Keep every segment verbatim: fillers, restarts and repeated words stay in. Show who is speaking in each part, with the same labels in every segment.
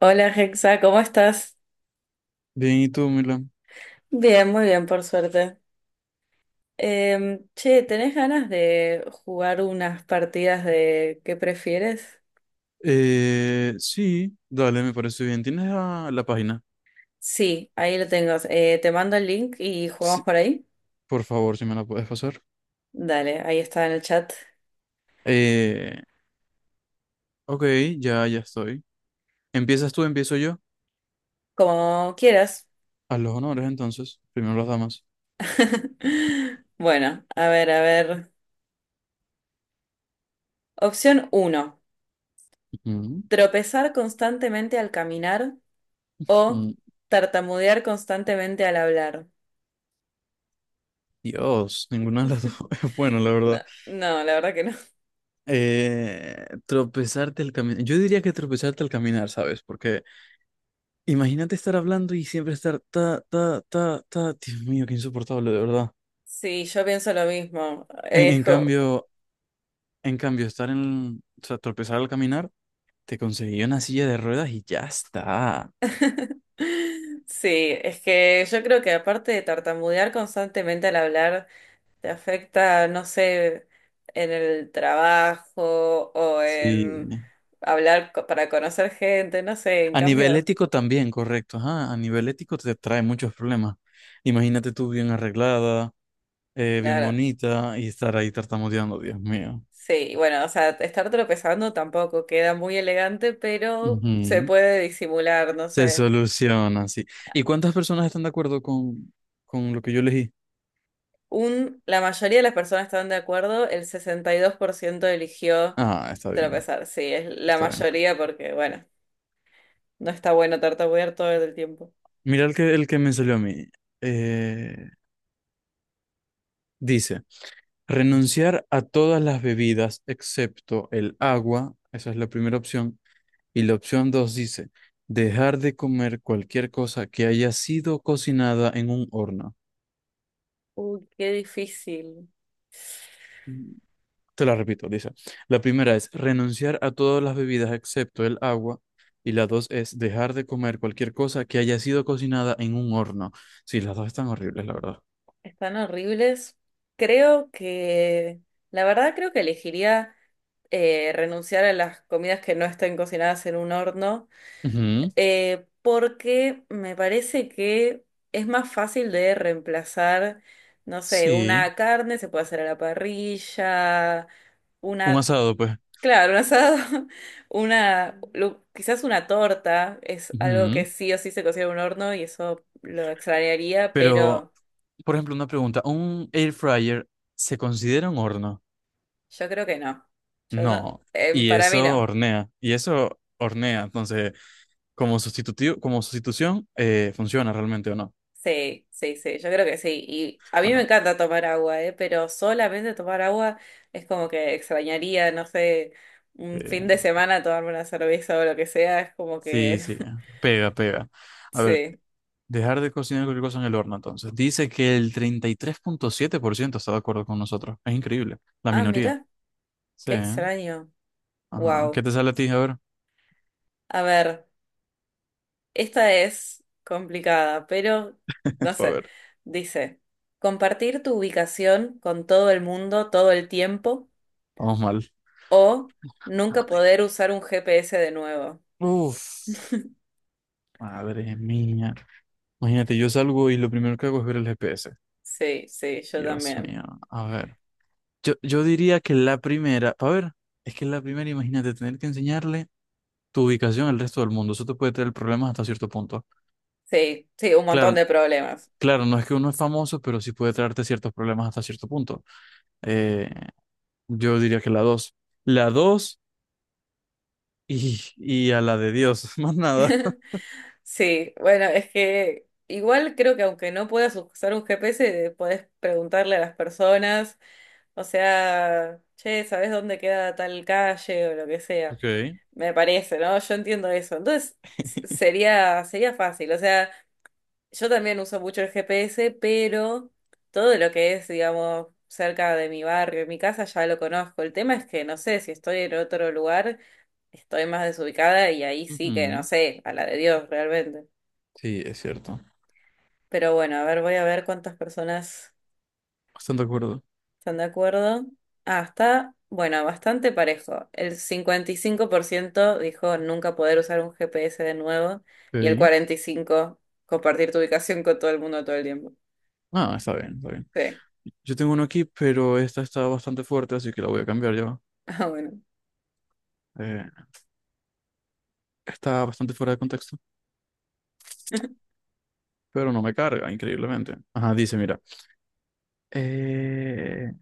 Speaker 1: Hola Hexa, ¿cómo estás?
Speaker 2: Bien, ¿y tú, Milan?
Speaker 1: Bien, muy bien, por suerte. Em, che, ¿tenés ganas de jugar unas partidas de qué prefieres?
Speaker 2: Eh, sí, dale, me parece bien. ¿Tienes la, la página?
Speaker 1: Sí, ahí lo tengo. Eh, te mando el link y
Speaker 2: Sí,
Speaker 1: jugamos por ahí.
Speaker 2: por favor, si me la puedes pasar.
Speaker 1: Dale, ahí está en el chat.
Speaker 2: Eh, ok, ya, ya estoy. ¿Empiezas tú, empiezo yo?
Speaker 1: Como quieras.
Speaker 2: A los honores, entonces. Primero las damas.
Speaker 1: Bueno, a ver, a ver. Opción uno:
Speaker 2: Ujú.
Speaker 1: tropezar constantemente al caminar o
Speaker 2: Mm,
Speaker 1: tartamudear constantemente al hablar.
Speaker 2: Dios, ninguna de las dos es bueno, la
Speaker 1: No,
Speaker 2: verdad.
Speaker 1: no, la verdad que no.
Speaker 2: Eh, tropezarte al caminar. Yo diría que tropezarte al caminar, ¿sabes? Porque imagínate estar hablando y siempre estar ta, ta, ta, ta. Dios mío, qué insoportable, de verdad.
Speaker 1: Sí, yo pienso lo mismo.
Speaker 2: En,
Speaker 1: Es
Speaker 2: en
Speaker 1: co-
Speaker 2: cambio, En cambio, estar en, o sea, tropezar al caminar, te conseguí una silla de ruedas y ya está.
Speaker 1: Sí, es que yo creo que aparte de tartamudear constantemente al hablar, te afecta, no sé, en el trabajo o
Speaker 2: Sí.
Speaker 1: en hablar co- para conocer gente, no sé, en
Speaker 2: A nivel
Speaker 1: cambio,
Speaker 2: ético también, correcto. Ajá, a nivel ético te trae muchos problemas. Imagínate tú bien arreglada, eh, bien
Speaker 1: claro.
Speaker 2: bonita y estar ahí tartamudeando, Dios mío.
Speaker 1: Sí, bueno, o sea, estar tropezando tampoco queda muy elegante, pero se
Speaker 2: Ujú.
Speaker 1: puede disimular, no
Speaker 2: Se
Speaker 1: sé.
Speaker 2: soluciona, sí. ¿Y cuántas personas están de acuerdo con, con lo que yo elegí?
Speaker 1: Un, la mayoría de las personas están de acuerdo, el sesenta y dos por ciento eligió
Speaker 2: Ah, está bien,
Speaker 1: tropezar. Sí, es la
Speaker 2: está bien.
Speaker 1: mayoría porque, bueno, no está bueno tartamudear todo el tiempo.
Speaker 2: Mira el que, el que me salió a mí. Eh, Dice. Renunciar a todas las bebidas excepto el agua, esa es la primera opción. Y la opción dos dice, dejar de comer cualquier cosa que haya sido cocinada en un horno.
Speaker 1: Uy, qué difícil.
Speaker 2: Mm, Te la repito, dice. La primera es renunciar a todas las bebidas excepto el agua. Y la dos es dejar de comer cualquier cosa que haya sido cocinada en un horno. Sí, las dos están horribles, la verdad.
Speaker 1: Están horribles. Creo que, la verdad, creo que elegiría eh, renunciar a las comidas que no estén cocinadas en un horno.
Speaker 2: Ujú.
Speaker 1: Eh, porque me parece que es más fácil de reemplazar, no sé,
Speaker 2: Sí,
Speaker 1: una carne se puede hacer a la parrilla,
Speaker 2: un
Speaker 1: una,
Speaker 2: asado, pues.
Speaker 1: claro, un asado, una, lo- quizás una torta es algo que
Speaker 2: Ujú.
Speaker 1: sí o sí se cocina en un horno y eso lo extrañaría,
Speaker 2: Pero
Speaker 1: pero
Speaker 2: Por ejemplo, una pregunta, ¿un air fryer se considera un horno?
Speaker 1: yo creo que no. Yo no,
Speaker 2: No,
Speaker 1: eh,
Speaker 2: y
Speaker 1: para mí
Speaker 2: eso
Speaker 1: no.
Speaker 2: hornea, y eso hornea, entonces, como sustitutivo, como sustitución, eh, ¿funciona realmente o no?
Speaker 1: Sí, sí, sí, yo creo que sí. Y a mí me
Speaker 2: Bueno,
Speaker 1: encanta tomar agua, ¿eh? Pero solamente tomar agua es como que extrañaría, no sé, un fin
Speaker 2: eh,
Speaker 1: de semana tomarme una cerveza o lo que sea, es como
Speaker 2: sí,
Speaker 1: que...
Speaker 2: sí, pega, pega. A ver,
Speaker 1: Sí.
Speaker 2: dejar de cocinar cualquier cosa en el horno, entonces. Dice que el treinta y tres punto siete por ciento está de acuerdo con nosotros, es increíble, la
Speaker 1: Ah,
Speaker 2: minoría.
Speaker 1: mira,
Speaker 2: Sí,
Speaker 1: qué
Speaker 2: ¿eh?
Speaker 1: extraño.
Speaker 2: Ajá.
Speaker 1: Wow.
Speaker 2: ¿Qué te sale a ti? A ver,
Speaker 1: A ver, esta es complicada, pero no
Speaker 2: a
Speaker 1: sé.
Speaker 2: ver,
Speaker 1: Dice, compartir tu ubicación con todo el mundo todo el tiempo
Speaker 2: vamos mal.
Speaker 1: o nunca
Speaker 2: Ay,
Speaker 1: poder usar un G P S de nuevo.
Speaker 2: uf, madre mía. Imagínate, yo salgo y lo primero que hago es ver el G P S.
Speaker 1: Sí, sí, yo
Speaker 2: Dios mío,
Speaker 1: también.
Speaker 2: a ver. Yo, yo diría que la primera, a ver, es que la primera, imagínate, tener que enseñarle tu ubicación al resto del mundo. Eso te puede traer problemas hasta cierto punto.
Speaker 1: Sí, sí, un montón
Speaker 2: Claro,
Speaker 1: de problemas.
Speaker 2: claro, no es que uno es famoso, pero sí puede traerte ciertos problemas hasta cierto punto. Eh, yo diría que la dos. La dos y, y a la de Dios, más nada.
Speaker 1: Sí, bueno, es que igual creo que aunque no puedas usar un G P S, podés preguntarle a las personas, o sea, che, ¿sabés dónde queda tal calle o lo que sea?
Speaker 2: Ok.
Speaker 1: Me parece, ¿no? Yo entiendo eso. Entonces, s- sería, sería fácil. O sea, yo también uso mucho el G P S, pero todo lo que es, digamos, cerca de mi barrio, mi casa, ya lo conozco. El tema es que no sé si estoy en otro lugar. Estoy más desubicada y ahí sí que no
Speaker 2: Ujú.
Speaker 1: sé, a la de Dios realmente.
Speaker 2: Sí, es cierto.
Speaker 1: Pero bueno, a ver, voy a ver cuántas personas
Speaker 2: Bastante de acuerdo.
Speaker 1: están de acuerdo. Ah, está, bueno, bastante parejo. El cincuenta y cinco por ciento dijo nunca poder usar un G P S de nuevo y el
Speaker 2: Ok.
Speaker 1: cuarenta y cinco por ciento compartir tu ubicación con todo el mundo todo el tiempo.
Speaker 2: Ah, está bien, está bien.
Speaker 1: Sí,
Speaker 2: Yo tengo uno aquí, pero esta está bastante fuerte, así que la voy a cambiar yo.
Speaker 1: ah, bueno.
Speaker 2: Eh, Está bastante fuera de contexto, pero no me carga, increíblemente. Ajá, dice, mira. eh,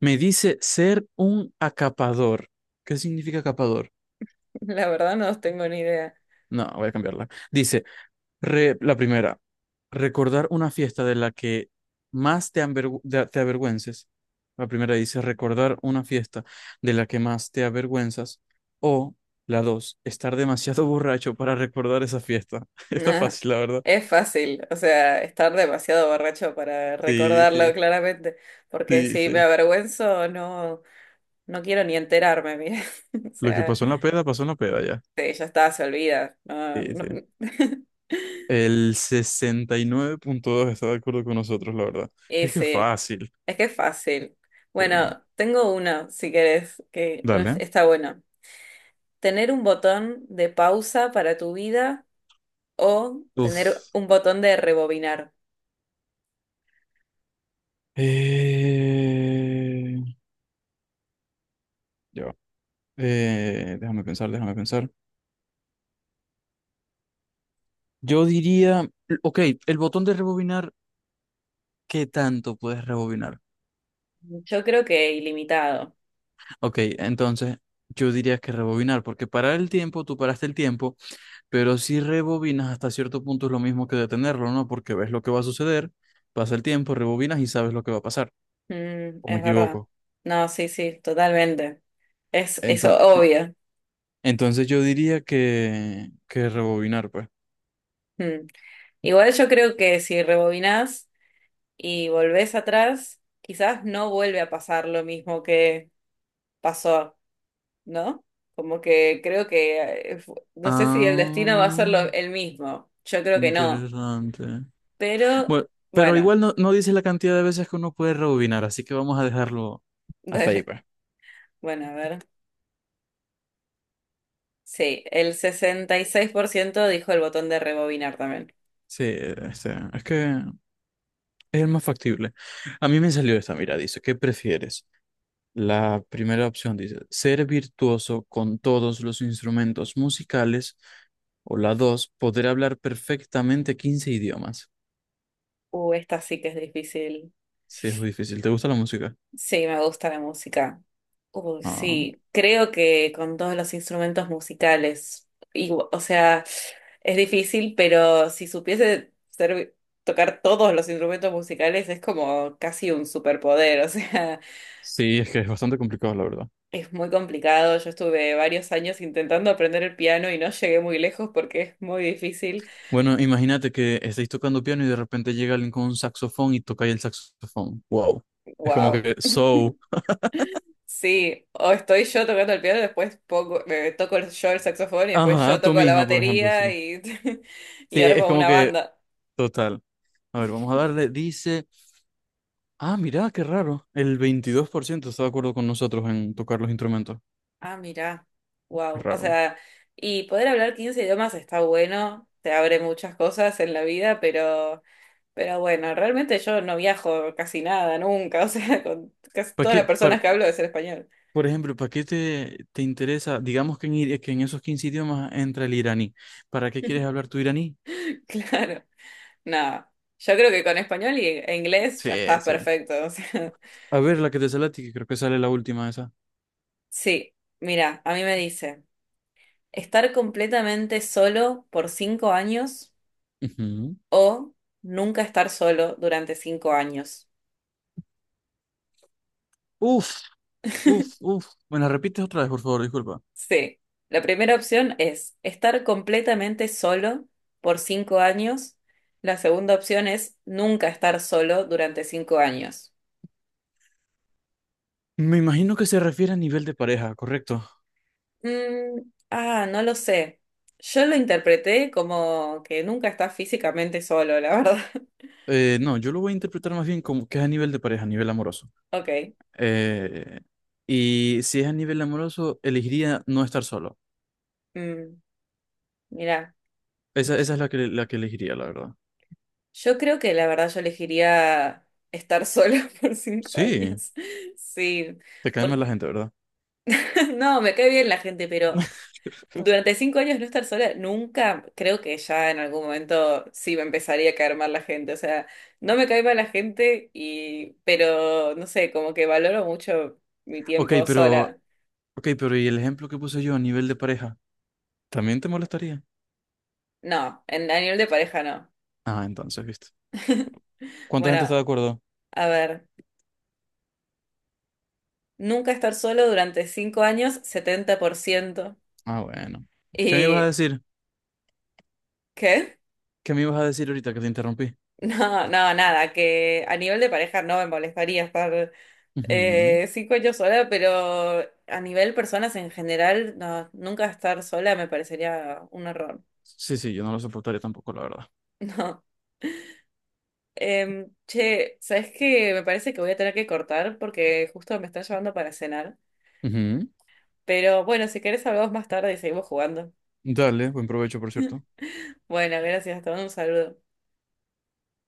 Speaker 2: Me dice ser un acapador. ¿Qué significa acapador?
Speaker 1: La verdad no tengo ni idea.
Speaker 2: No, voy a cambiarla. Dice, re- la primera, recordar una fiesta de la que más te, avergü- de- te avergüences. La primera dice, recordar una fiesta de la que más te avergüenzas. O la dos, estar demasiado borracho para recordar esa fiesta. Está
Speaker 1: Nah,
Speaker 2: fácil, la verdad.
Speaker 1: es fácil, o sea, estar demasiado borracho para
Speaker 2: Sí,
Speaker 1: recordarlo
Speaker 2: sí,
Speaker 1: claramente, porque
Speaker 2: sí,
Speaker 1: si me
Speaker 2: sí.
Speaker 1: avergüenzo, no. No quiero ni enterarme, mira. O
Speaker 2: Lo que
Speaker 1: sea,
Speaker 2: pasó en la peda, pasó en la peda ya.
Speaker 1: sí, ya está, se olvida. No,
Speaker 2: Sí,
Speaker 1: no.
Speaker 2: sí. El sesenta y nueve punto dos está de acuerdo con nosotros, la verdad. Es que
Speaker 1: Ese,
Speaker 2: fácil.
Speaker 1: es que es fácil.
Speaker 2: Sí.
Speaker 1: Bueno, tengo uno, si querés, que
Speaker 2: Dale.
Speaker 1: está bueno. Tener un botón de pausa para tu vida o
Speaker 2: Uf.
Speaker 1: tener un botón de rebobinar.
Speaker 2: Eh, ya va. Eh, déjame pensar, déjame pensar. Yo diría, ok, el botón de rebobinar, ¿qué tanto puedes rebobinar?
Speaker 1: Yo creo que ilimitado.
Speaker 2: Ok, entonces yo diría que rebobinar, porque parar el tiempo, tú paraste el tiempo, pero si rebobinas hasta cierto punto es lo mismo que detenerlo, ¿no? Porque ves lo que va a suceder, pasa el tiempo, rebobinas y sabes lo que va a pasar,
Speaker 1: Mm,
Speaker 2: o me
Speaker 1: es verdad.
Speaker 2: equivoco.
Speaker 1: No, sí, sí, totalmente. Es eso,
Speaker 2: Entonces,
Speaker 1: obvio.
Speaker 2: entonces yo diría que, que, rebobinar, pues.
Speaker 1: Mm. Igual yo creo que si rebobinás y volvés atrás, quizás no vuelve a pasar lo mismo que pasó, ¿no? Como que creo que, eh, fu- no sé si el destino va a ser
Speaker 2: Ah,
Speaker 1: lo- el mismo, yo creo que no,
Speaker 2: interesante.
Speaker 1: pero
Speaker 2: Bueno, pero
Speaker 1: bueno,
Speaker 2: igual no, no dice la cantidad de veces que uno puede rebobinar, así que vamos a dejarlo hasta ahí, pues.
Speaker 1: bueno, a ver. Sí, el sesenta y seis por ciento dijo el botón de rebobinar también.
Speaker 2: Sí, este, es que es el más factible. A mí me salió esta, mira, dice, ¿qué prefieres? La primera opción dice, ser virtuoso con todos los instrumentos musicales, o la dos, poder hablar perfectamente quince idiomas.
Speaker 1: Uh, esta sí que es difícil.
Speaker 2: Sí, es muy difícil. ¿Te gusta la música?
Speaker 1: Sí, me gusta la música. Uy,
Speaker 2: Ah.
Speaker 1: sí, creo que con todos los instrumentos musicales, igu- o sea, es difícil, pero si supiese ser- tocar todos los instrumentos musicales es como casi un superpoder, o sea,
Speaker 2: Sí, es que es bastante complicado, la verdad.
Speaker 1: es muy complicado. Yo estuve varios años intentando aprender el piano y no llegué muy lejos porque es muy difícil.
Speaker 2: Bueno, imagínate que estáis tocando piano y de repente llega alguien con un saxofón y toca ahí el saxofón. Wow. Es como
Speaker 1: Wow.
Speaker 2: que, so,
Speaker 1: Sí, o estoy yo tocando el piano, después pongo- eh, toco el- yo el saxofón y después yo
Speaker 2: ajá, tú
Speaker 1: toco la
Speaker 2: misma, por ejemplo,
Speaker 1: batería
Speaker 2: sí.
Speaker 1: y, y
Speaker 2: Sí, es
Speaker 1: armo
Speaker 2: como
Speaker 1: una
Speaker 2: que,
Speaker 1: banda.
Speaker 2: total. A ver, vamos a darle, dice, ah, mira, qué raro. El veintidós por ciento está de acuerdo con nosotros en tocar los instrumentos.
Speaker 1: Ah, mirá,
Speaker 2: Qué
Speaker 1: wow. O
Speaker 2: raro.
Speaker 1: sea, y poder hablar quince idiomas está bueno, te abre muchas cosas en la vida, pero, pero bueno, realmente yo no viajo casi nada, nunca. O sea, con casi
Speaker 2: ¿Para
Speaker 1: todas las
Speaker 2: qué, para,
Speaker 1: personas que hablo es el español.
Speaker 2: por ejemplo, ¿para qué te, te interesa, digamos que en, ir- que en esos quince idiomas entra el iraní? ¿Para qué quieres hablar tu iraní?
Speaker 1: Claro, nada. Yo creo que con español y e inglés
Speaker 2: Sí,
Speaker 1: ya estás
Speaker 2: sí.
Speaker 1: perfecto. O sea,
Speaker 2: A ver, la que te sale a ti, que creo que sale la última esa.
Speaker 1: sí, mira, a mí me dice. Estar completamente solo por cinco años
Speaker 2: Ujú.
Speaker 1: o nunca estar solo durante cinco años.
Speaker 2: Uf, uf, uf. ¿Me la repites otra vez, por favor? Disculpa.
Speaker 1: Sí, la primera opción es estar completamente solo por cinco años. La segunda opción es nunca estar solo durante cinco años.
Speaker 2: Me imagino que se refiere a nivel de pareja, correcto.
Speaker 1: Mm, ah, no lo sé. Yo lo interpreté como que nunca estás físicamente solo, la verdad.
Speaker 2: Eh, no, yo lo voy a interpretar más bien como que es a nivel de pareja, a nivel amoroso.
Speaker 1: Ok.
Speaker 2: Eh, y si es a nivel amoroso, elegiría no estar solo.
Speaker 1: Mm, mira.
Speaker 2: Esa, esa es la que, la que elegiría, la verdad.
Speaker 1: Yo creo que la verdad yo elegiría estar sola por cinco
Speaker 2: Sí,
Speaker 1: años. Sí,
Speaker 2: te cae mal
Speaker 1: por-
Speaker 2: la gente, ¿verdad?
Speaker 1: no, me cae bien la gente, pero durante cinco años no estar sola, nunca creo que ya en algún momento sí me empezaría a caer mal la gente. O sea, no me cae mal la gente y, pero no sé, como que valoro mucho mi
Speaker 2: Ok,
Speaker 1: tiempo
Speaker 2: pero,
Speaker 1: sola.
Speaker 2: ok, pero ¿y el ejemplo que puse yo a nivel de pareja? ¿También te molestaría?
Speaker 1: No, en, a nivel de pareja no.
Speaker 2: Ah, entonces, ¿viste? ¿Cuánta gente
Speaker 1: Bueno,
Speaker 2: está de acuerdo?
Speaker 1: a ver, nunca estar solo durante cinco años, setenta por ciento.
Speaker 2: Ah, bueno. ¿Qué me ibas a
Speaker 1: ¿Y
Speaker 2: decir?
Speaker 1: qué?
Speaker 2: ¿Qué me ibas a decir ahorita que te interrumpí?
Speaker 1: No, no, nada, que a nivel de pareja no me molestaría estar
Speaker 2: Ujú.
Speaker 1: eh, cinco años sola, pero a nivel personas en general, no, nunca estar sola me parecería un error.
Speaker 2: Sí, sí, yo no lo soportaría tampoco, la verdad.
Speaker 1: No. Em, che, ¿sabes qué? Me parece que voy a tener que cortar porque justo me están llevando para cenar.
Speaker 2: Ujú.
Speaker 1: Pero bueno, si querés hablamos más tarde y seguimos jugando.
Speaker 2: Dale, buen provecho, por cierto.
Speaker 1: Bueno, gracias, te mando un saludo.